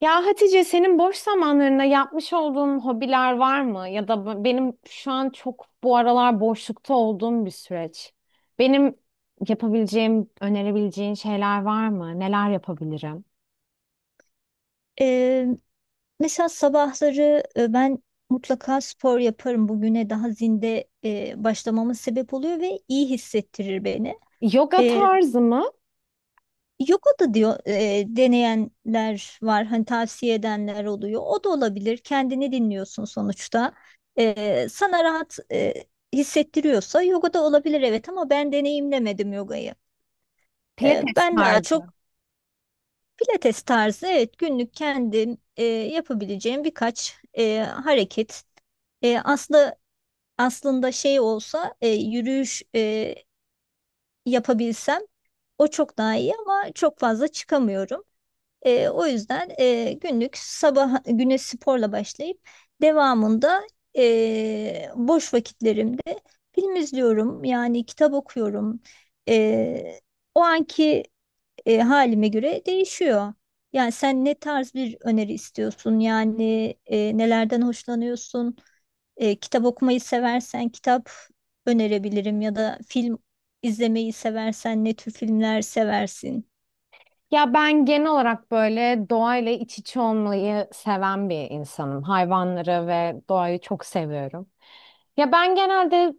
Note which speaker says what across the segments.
Speaker 1: Ya Hatice, senin boş zamanlarında yapmış olduğun hobiler var mı? Ya da benim şu an çok bu aralar boşlukta olduğum bir süreç. Benim yapabileceğim, önerebileceğin şeyler var mı? Neler yapabilirim?
Speaker 2: Ee, mesela sabahları ben mutlaka spor yaparım. Bugüne daha zinde başlamamın sebep oluyor ve iyi hissettirir beni.
Speaker 1: Yoga
Speaker 2: Ee,
Speaker 1: tarzı mı?
Speaker 2: yoga da diyor deneyenler var, hani tavsiye edenler oluyor. O da olabilir. Kendini dinliyorsun sonuçta. Sana rahat hissettiriyorsa yoga da olabilir, evet, ama ben deneyimlemedim yogayı.
Speaker 1: Pilates
Speaker 2: Ben daha
Speaker 1: tarzı.
Speaker 2: çok Pilates tarzı, evet, günlük kendim yapabileceğim birkaç hareket. E, aslı aslında şey olsa yürüyüş yapabilsem o çok daha iyi ama çok fazla çıkamıyorum. O yüzden günlük sabah güne sporla başlayıp devamında boş vakitlerimde film izliyorum yani kitap okuyorum. E, o anki halime göre değişiyor. Yani sen ne tarz bir öneri istiyorsun? Yani nelerden hoşlanıyorsun? Kitap okumayı seversen kitap önerebilirim ya da film izlemeyi seversen ne tür filmler seversin?
Speaker 1: Ya ben genel olarak böyle doğayla iç içe olmayı seven bir insanım. Hayvanları ve doğayı çok seviyorum. Ya ben genelde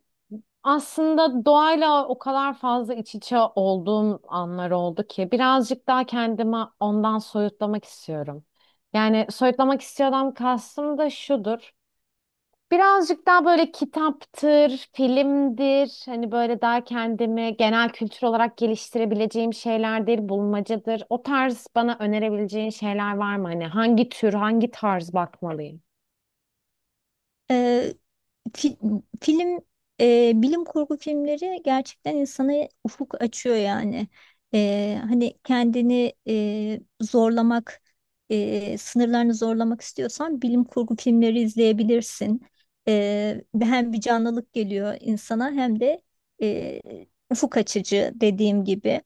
Speaker 1: aslında doğayla o kadar fazla iç içe olduğum anlar oldu ki birazcık daha kendimi ondan soyutlamak istiyorum. Yani soyutlamak istiyorsam kastım da şudur. Birazcık daha böyle kitaptır, filmdir, hani böyle daha kendimi genel kültür olarak geliştirebileceğim şeylerdir, bulmacadır. O tarz bana önerebileceğin şeyler var mı? Hani hangi tür, hangi tarz bakmalıyım?
Speaker 2: E, Fi- film bilim kurgu filmleri gerçekten insana ufuk açıyor yani. Hani kendini zorlamak, sınırlarını zorlamak istiyorsan bilim kurgu filmleri izleyebilirsin. Hem bir canlılık geliyor insana hem de e, ufuk açıcı dediğim gibi.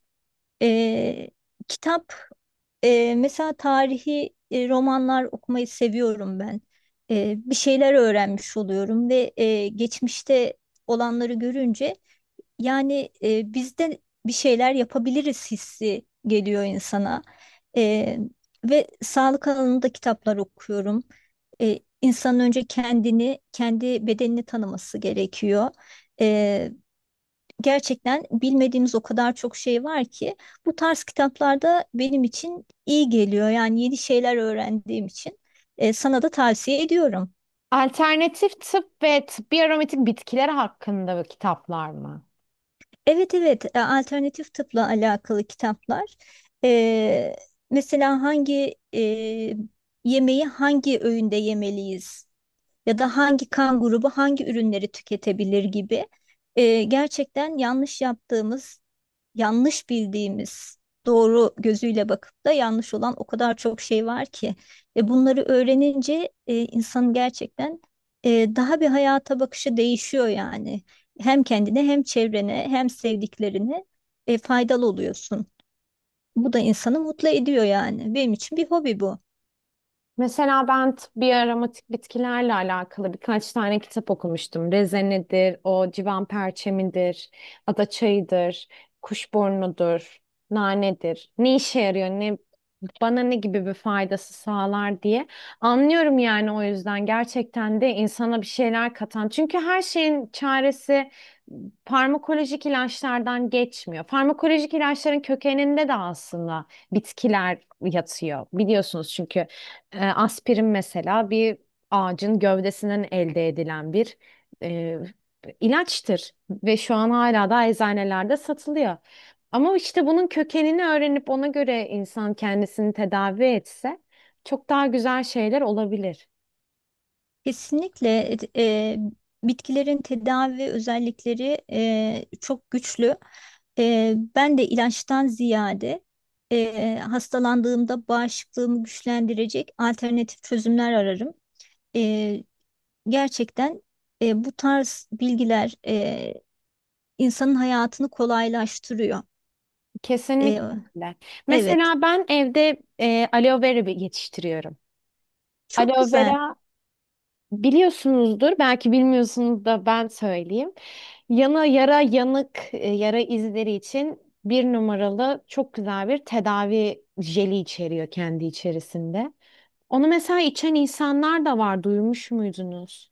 Speaker 2: Ee, kitap, mesela tarihi romanlar okumayı seviyorum ben. Bir şeyler öğrenmiş oluyorum ve geçmişte olanları görünce yani biz de bir şeyler yapabiliriz hissi geliyor insana. Ee, ve sağlık alanında kitaplar okuyorum. İnsanın önce kendini, kendi bedenini tanıması gerekiyor. Gerçekten bilmediğimiz o kadar çok şey var ki bu tarz kitaplarda benim için iyi geliyor. Yani yeni şeyler öğrendiğim için sana da tavsiye ediyorum.
Speaker 1: Alternatif tıp ve tıbbi aromatik bitkiler hakkında kitaplar mı?
Speaker 2: Evet, evet, alternatif tıpla alakalı kitaplar. E, mesela hangi yemeği hangi öğünde yemeliyiz ya da hangi kan grubu hangi ürünleri tüketebilir gibi. Gerçekten yanlış yaptığımız, yanlış bildiğimiz, doğru gözüyle bakıp da yanlış olan o kadar çok şey var ki ve bunları öğrenince insanın gerçekten daha bir hayata bakışı değişiyor yani. Hem kendine hem çevrene hem sevdiklerine faydalı oluyorsun. Bu da insanı mutlu ediyor yani. Benim için bir hobi bu.
Speaker 1: Mesela ben bir aromatik bitkilerle alakalı birkaç tane kitap okumuştum. Rezenedir, o civan perçemidir, ada çayıdır, kuşburnudur, nanedir. Ne işe yarıyor, ne bana ne gibi bir faydası sağlar diye. Anlıyorum yani, o yüzden gerçekten de insana bir şeyler katan. Çünkü her şeyin çaresi farmakolojik ilaçlardan geçmiyor. Farmakolojik ilaçların kökeninde de aslında bitkiler yatıyor. Biliyorsunuz çünkü aspirin mesela bir ağacın gövdesinden elde edilen bir e, ilaçtır ve şu an hala da eczanelerde satılıyor. Ama işte bunun kökenini öğrenip ona göre insan kendisini tedavi etse çok daha güzel şeyler olabilir.
Speaker 2: Kesinlikle bitkilerin tedavi özellikleri çok güçlü. Ben de ilaçtan ziyade hastalandığımda bağışıklığımı güçlendirecek alternatif çözümler ararım. E, gerçekten bu tarz bilgiler insanın hayatını kolaylaştırıyor. E,
Speaker 1: Kesinlikle.
Speaker 2: evet,
Speaker 1: Mesela ben evde aloe vera yetiştiriyorum.
Speaker 2: çok
Speaker 1: Aloe
Speaker 2: güzel.
Speaker 1: vera biliyorsunuzdur, belki bilmiyorsunuz da ben söyleyeyim. Yana yara yanık yara izleri için bir numaralı çok güzel bir tedavi jeli içeriyor kendi içerisinde. Onu mesela içen insanlar da var, duymuş muydunuz?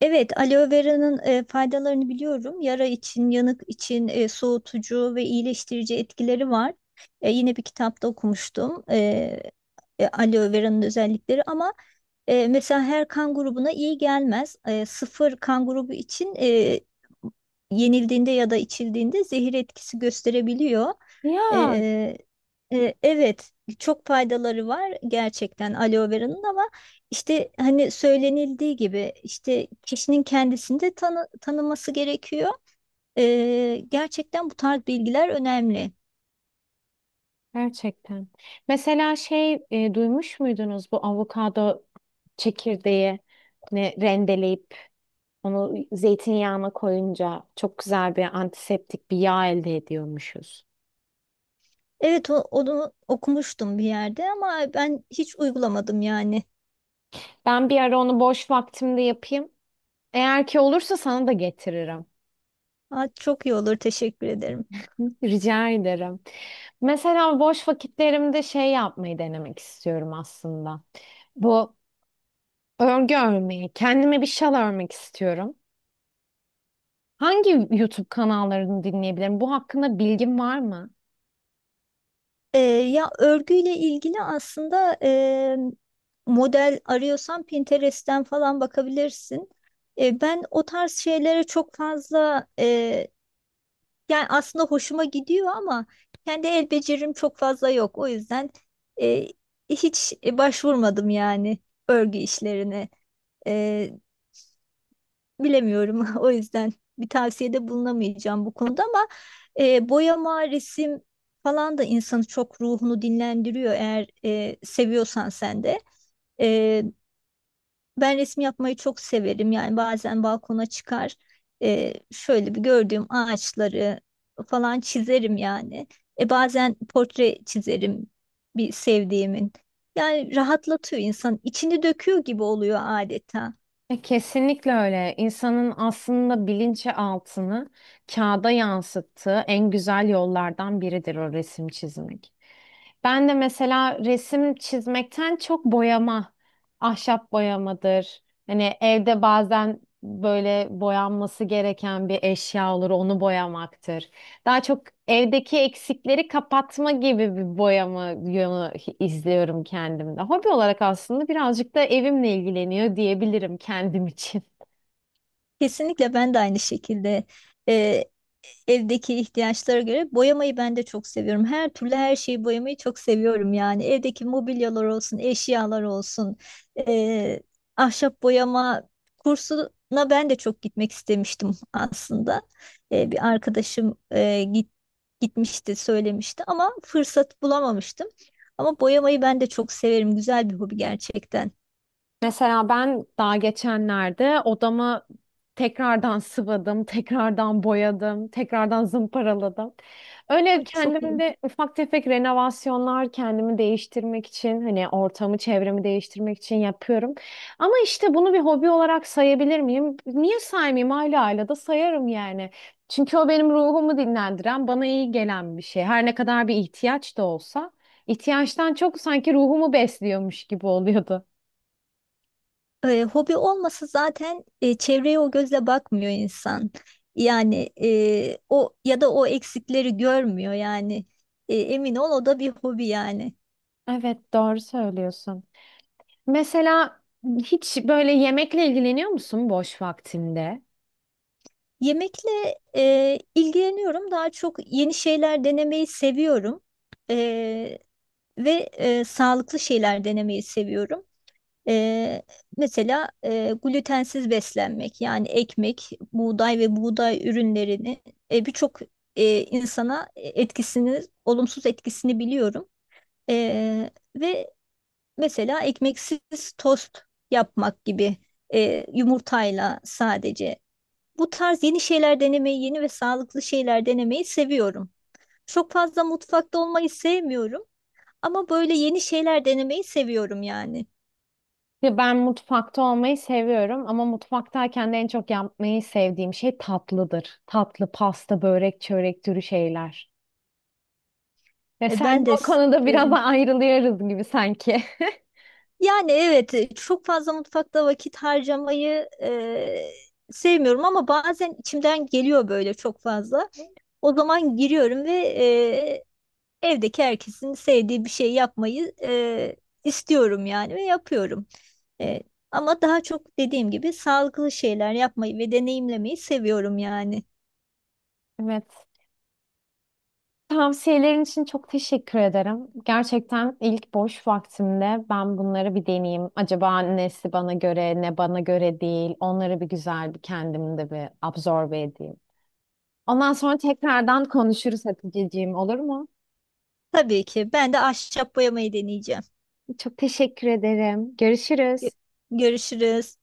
Speaker 2: Evet, aloe vera'nın faydalarını biliyorum. Yara için, yanık için soğutucu ve iyileştirici etkileri var. Yine bir kitapta okumuştum aloe vera'nın özellikleri ama mesela her kan grubuna iyi gelmez. Sıfır kan grubu için yenildiğinde ya da içildiğinde zehir etkisi gösterebiliyor.
Speaker 1: Ya
Speaker 2: E, evet, çok faydaları var gerçekten aloe vera'nın ama işte hani söylenildiği gibi işte kişinin kendisinde tanıması gerekiyor. Gerçekten bu tarz bilgiler önemli.
Speaker 1: gerçekten. Mesela duymuş muydunuz bu avokado çekirdeği ne rendeleyip onu zeytinyağına koyunca çok güzel bir antiseptik bir yağ elde ediyormuşuz.
Speaker 2: Evet, onu okumuştum bir yerde ama ben hiç uygulamadım yani.
Speaker 1: Ben bir ara onu boş vaktimde yapayım. Eğer ki olursa sana da getiririm.
Speaker 2: Aa, çok iyi olur. Teşekkür ederim.
Speaker 1: Hı, rica ederim. Mesela boş vakitlerimde şey yapmayı denemek istiyorum aslında. Bu örgü örmeyi. Kendime bir şal örmek istiyorum. Hangi YouTube kanallarını dinleyebilirim? Bu hakkında bilgin var mı?
Speaker 2: Ya örgüyle ilgili aslında model arıyorsan Pinterest'ten falan bakabilirsin. Ben o tarz şeylere çok fazla yani aslında hoşuma gidiyor ama kendi el becerim çok fazla yok. O yüzden e, hiç başvurmadım yani örgü işlerine. E, bilemiyorum. O yüzden bir tavsiyede bulunamayacağım bu konuda ama boyama, resim falan da insanı çok ruhunu dinlendiriyor eğer seviyorsan sen de. E, ben resim yapmayı çok severim. Yani bazen balkona çıkar, şöyle bir gördüğüm ağaçları falan çizerim yani. Bazen portre çizerim bir sevdiğimin. Yani rahatlatıyor insan, içini döküyor gibi oluyor adeta.
Speaker 1: Kesinlikle öyle. İnsanın aslında bilinçaltını kağıda yansıttığı en güzel yollardan biridir o resim çizmek. Ben de mesela resim çizmekten çok boyama, ahşap boyamadır. Hani evde bazen böyle boyanması gereken bir eşya olur, onu boyamaktır. Daha çok evdeki eksikleri kapatma gibi bir boyama yönü izliyorum kendimde. Hobi olarak aslında birazcık da evimle ilgileniyor diyebilirim kendim için.
Speaker 2: Kesinlikle ben de aynı şekilde. e, Evdeki ihtiyaçlara göre boyamayı ben de çok seviyorum. Her türlü her şeyi boyamayı çok seviyorum yani. Evdeki mobilyalar olsun, eşyalar olsun, eee, ahşap boyama kursuna ben de çok gitmek istemiştim aslında. Bir arkadaşım gitmişti, söylemişti ama fırsat bulamamıştım. Ama boyamayı ben de çok severim. Güzel bir hobi gerçekten.
Speaker 1: Mesela ben daha geçenlerde odamı tekrardan sıvadım, tekrardan boyadım, tekrardan zımparaladım. Öyle
Speaker 2: Ama çok iyi.
Speaker 1: kendimde ufak tefek renovasyonlar kendimi değiştirmek için, hani ortamı, çevremi değiştirmek için yapıyorum. Ama işte bunu bir hobi olarak sayabilir miyim? Niye saymayayım? Hala da sayarım yani. Çünkü o benim ruhumu dinlendiren, bana iyi gelen bir şey. Her ne kadar bir ihtiyaç da olsa, ihtiyaçtan çok sanki ruhumu besliyormuş gibi oluyordu.
Speaker 2: Hobi olmasa zaten çevreye o gözle bakmıyor insan. Yani o ya da o eksikleri görmüyor yani. Emin ol o da bir hobi yani.
Speaker 1: Evet, doğru söylüyorsun. Mesela hiç böyle yemekle ilgileniyor musun boş vaktinde?
Speaker 2: Yemekle ilgileniyorum. Daha çok yeni şeyler denemeyi seviyorum. E, ve sağlıklı şeyler denemeyi seviyorum. Ee, mesela glutensiz beslenmek yani ekmek, buğday ve buğday ürünlerini birçok insana etkisini, olumsuz etkisini biliyorum. Ee, ve mesela ekmeksiz tost yapmak gibi, yumurtayla sadece. Bu tarz yeni şeyler denemeyi, yeni ve sağlıklı şeyler denemeyi seviyorum. Çok fazla mutfakta olmayı sevmiyorum ama böyle yeni şeyler denemeyi seviyorum yani.
Speaker 1: Ya ben mutfakta olmayı seviyorum ama mutfaktayken de en çok yapmayı sevdiğim şey tatlıdır. Tatlı, pasta, börek, çörek türü şeyler. Ya sen
Speaker 2: Ben de
Speaker 1: o konuda biraz
Speaker 2: e,
Speaker 1: ayrılıyoruz gibi sanki.
Speaker 2: Yani evet çok fazla mutfakta vakit harcamayı sevmiyorum ama bazen içimden geliyor böyle çok fazla. O zaman giriyorum ve evdeki herkesin sevdiği bir şey yapmayı istiyorum yani ve yapıyorum. E, ama daha çok dediğim gibi sağlıklı şeyler yapmayı ve deneyimlemeyi seviyorum yani.
Speaker 1: Evet. Tavsiyelerin için çok teşekkür ederim. Gerçekten ilk boş vaktimde ben bunları bir deneyeyim. Acaba nesi bana göre, ne bana göre değil. Onları bir güzel bir kendimde bir absorbe edeyim. Ondan sonra tekrardan konuşuruz Hatice'ciğim, olur mu?
Speaker 2: Tabii ki ben de ahşap boyamayı deneyeceğim.
Speaker 1: Çok teşekkür ederim.
Speaker 2: Gö-
Speaker 1: Görüşürüz.
Speaker 2: Görüşürüz.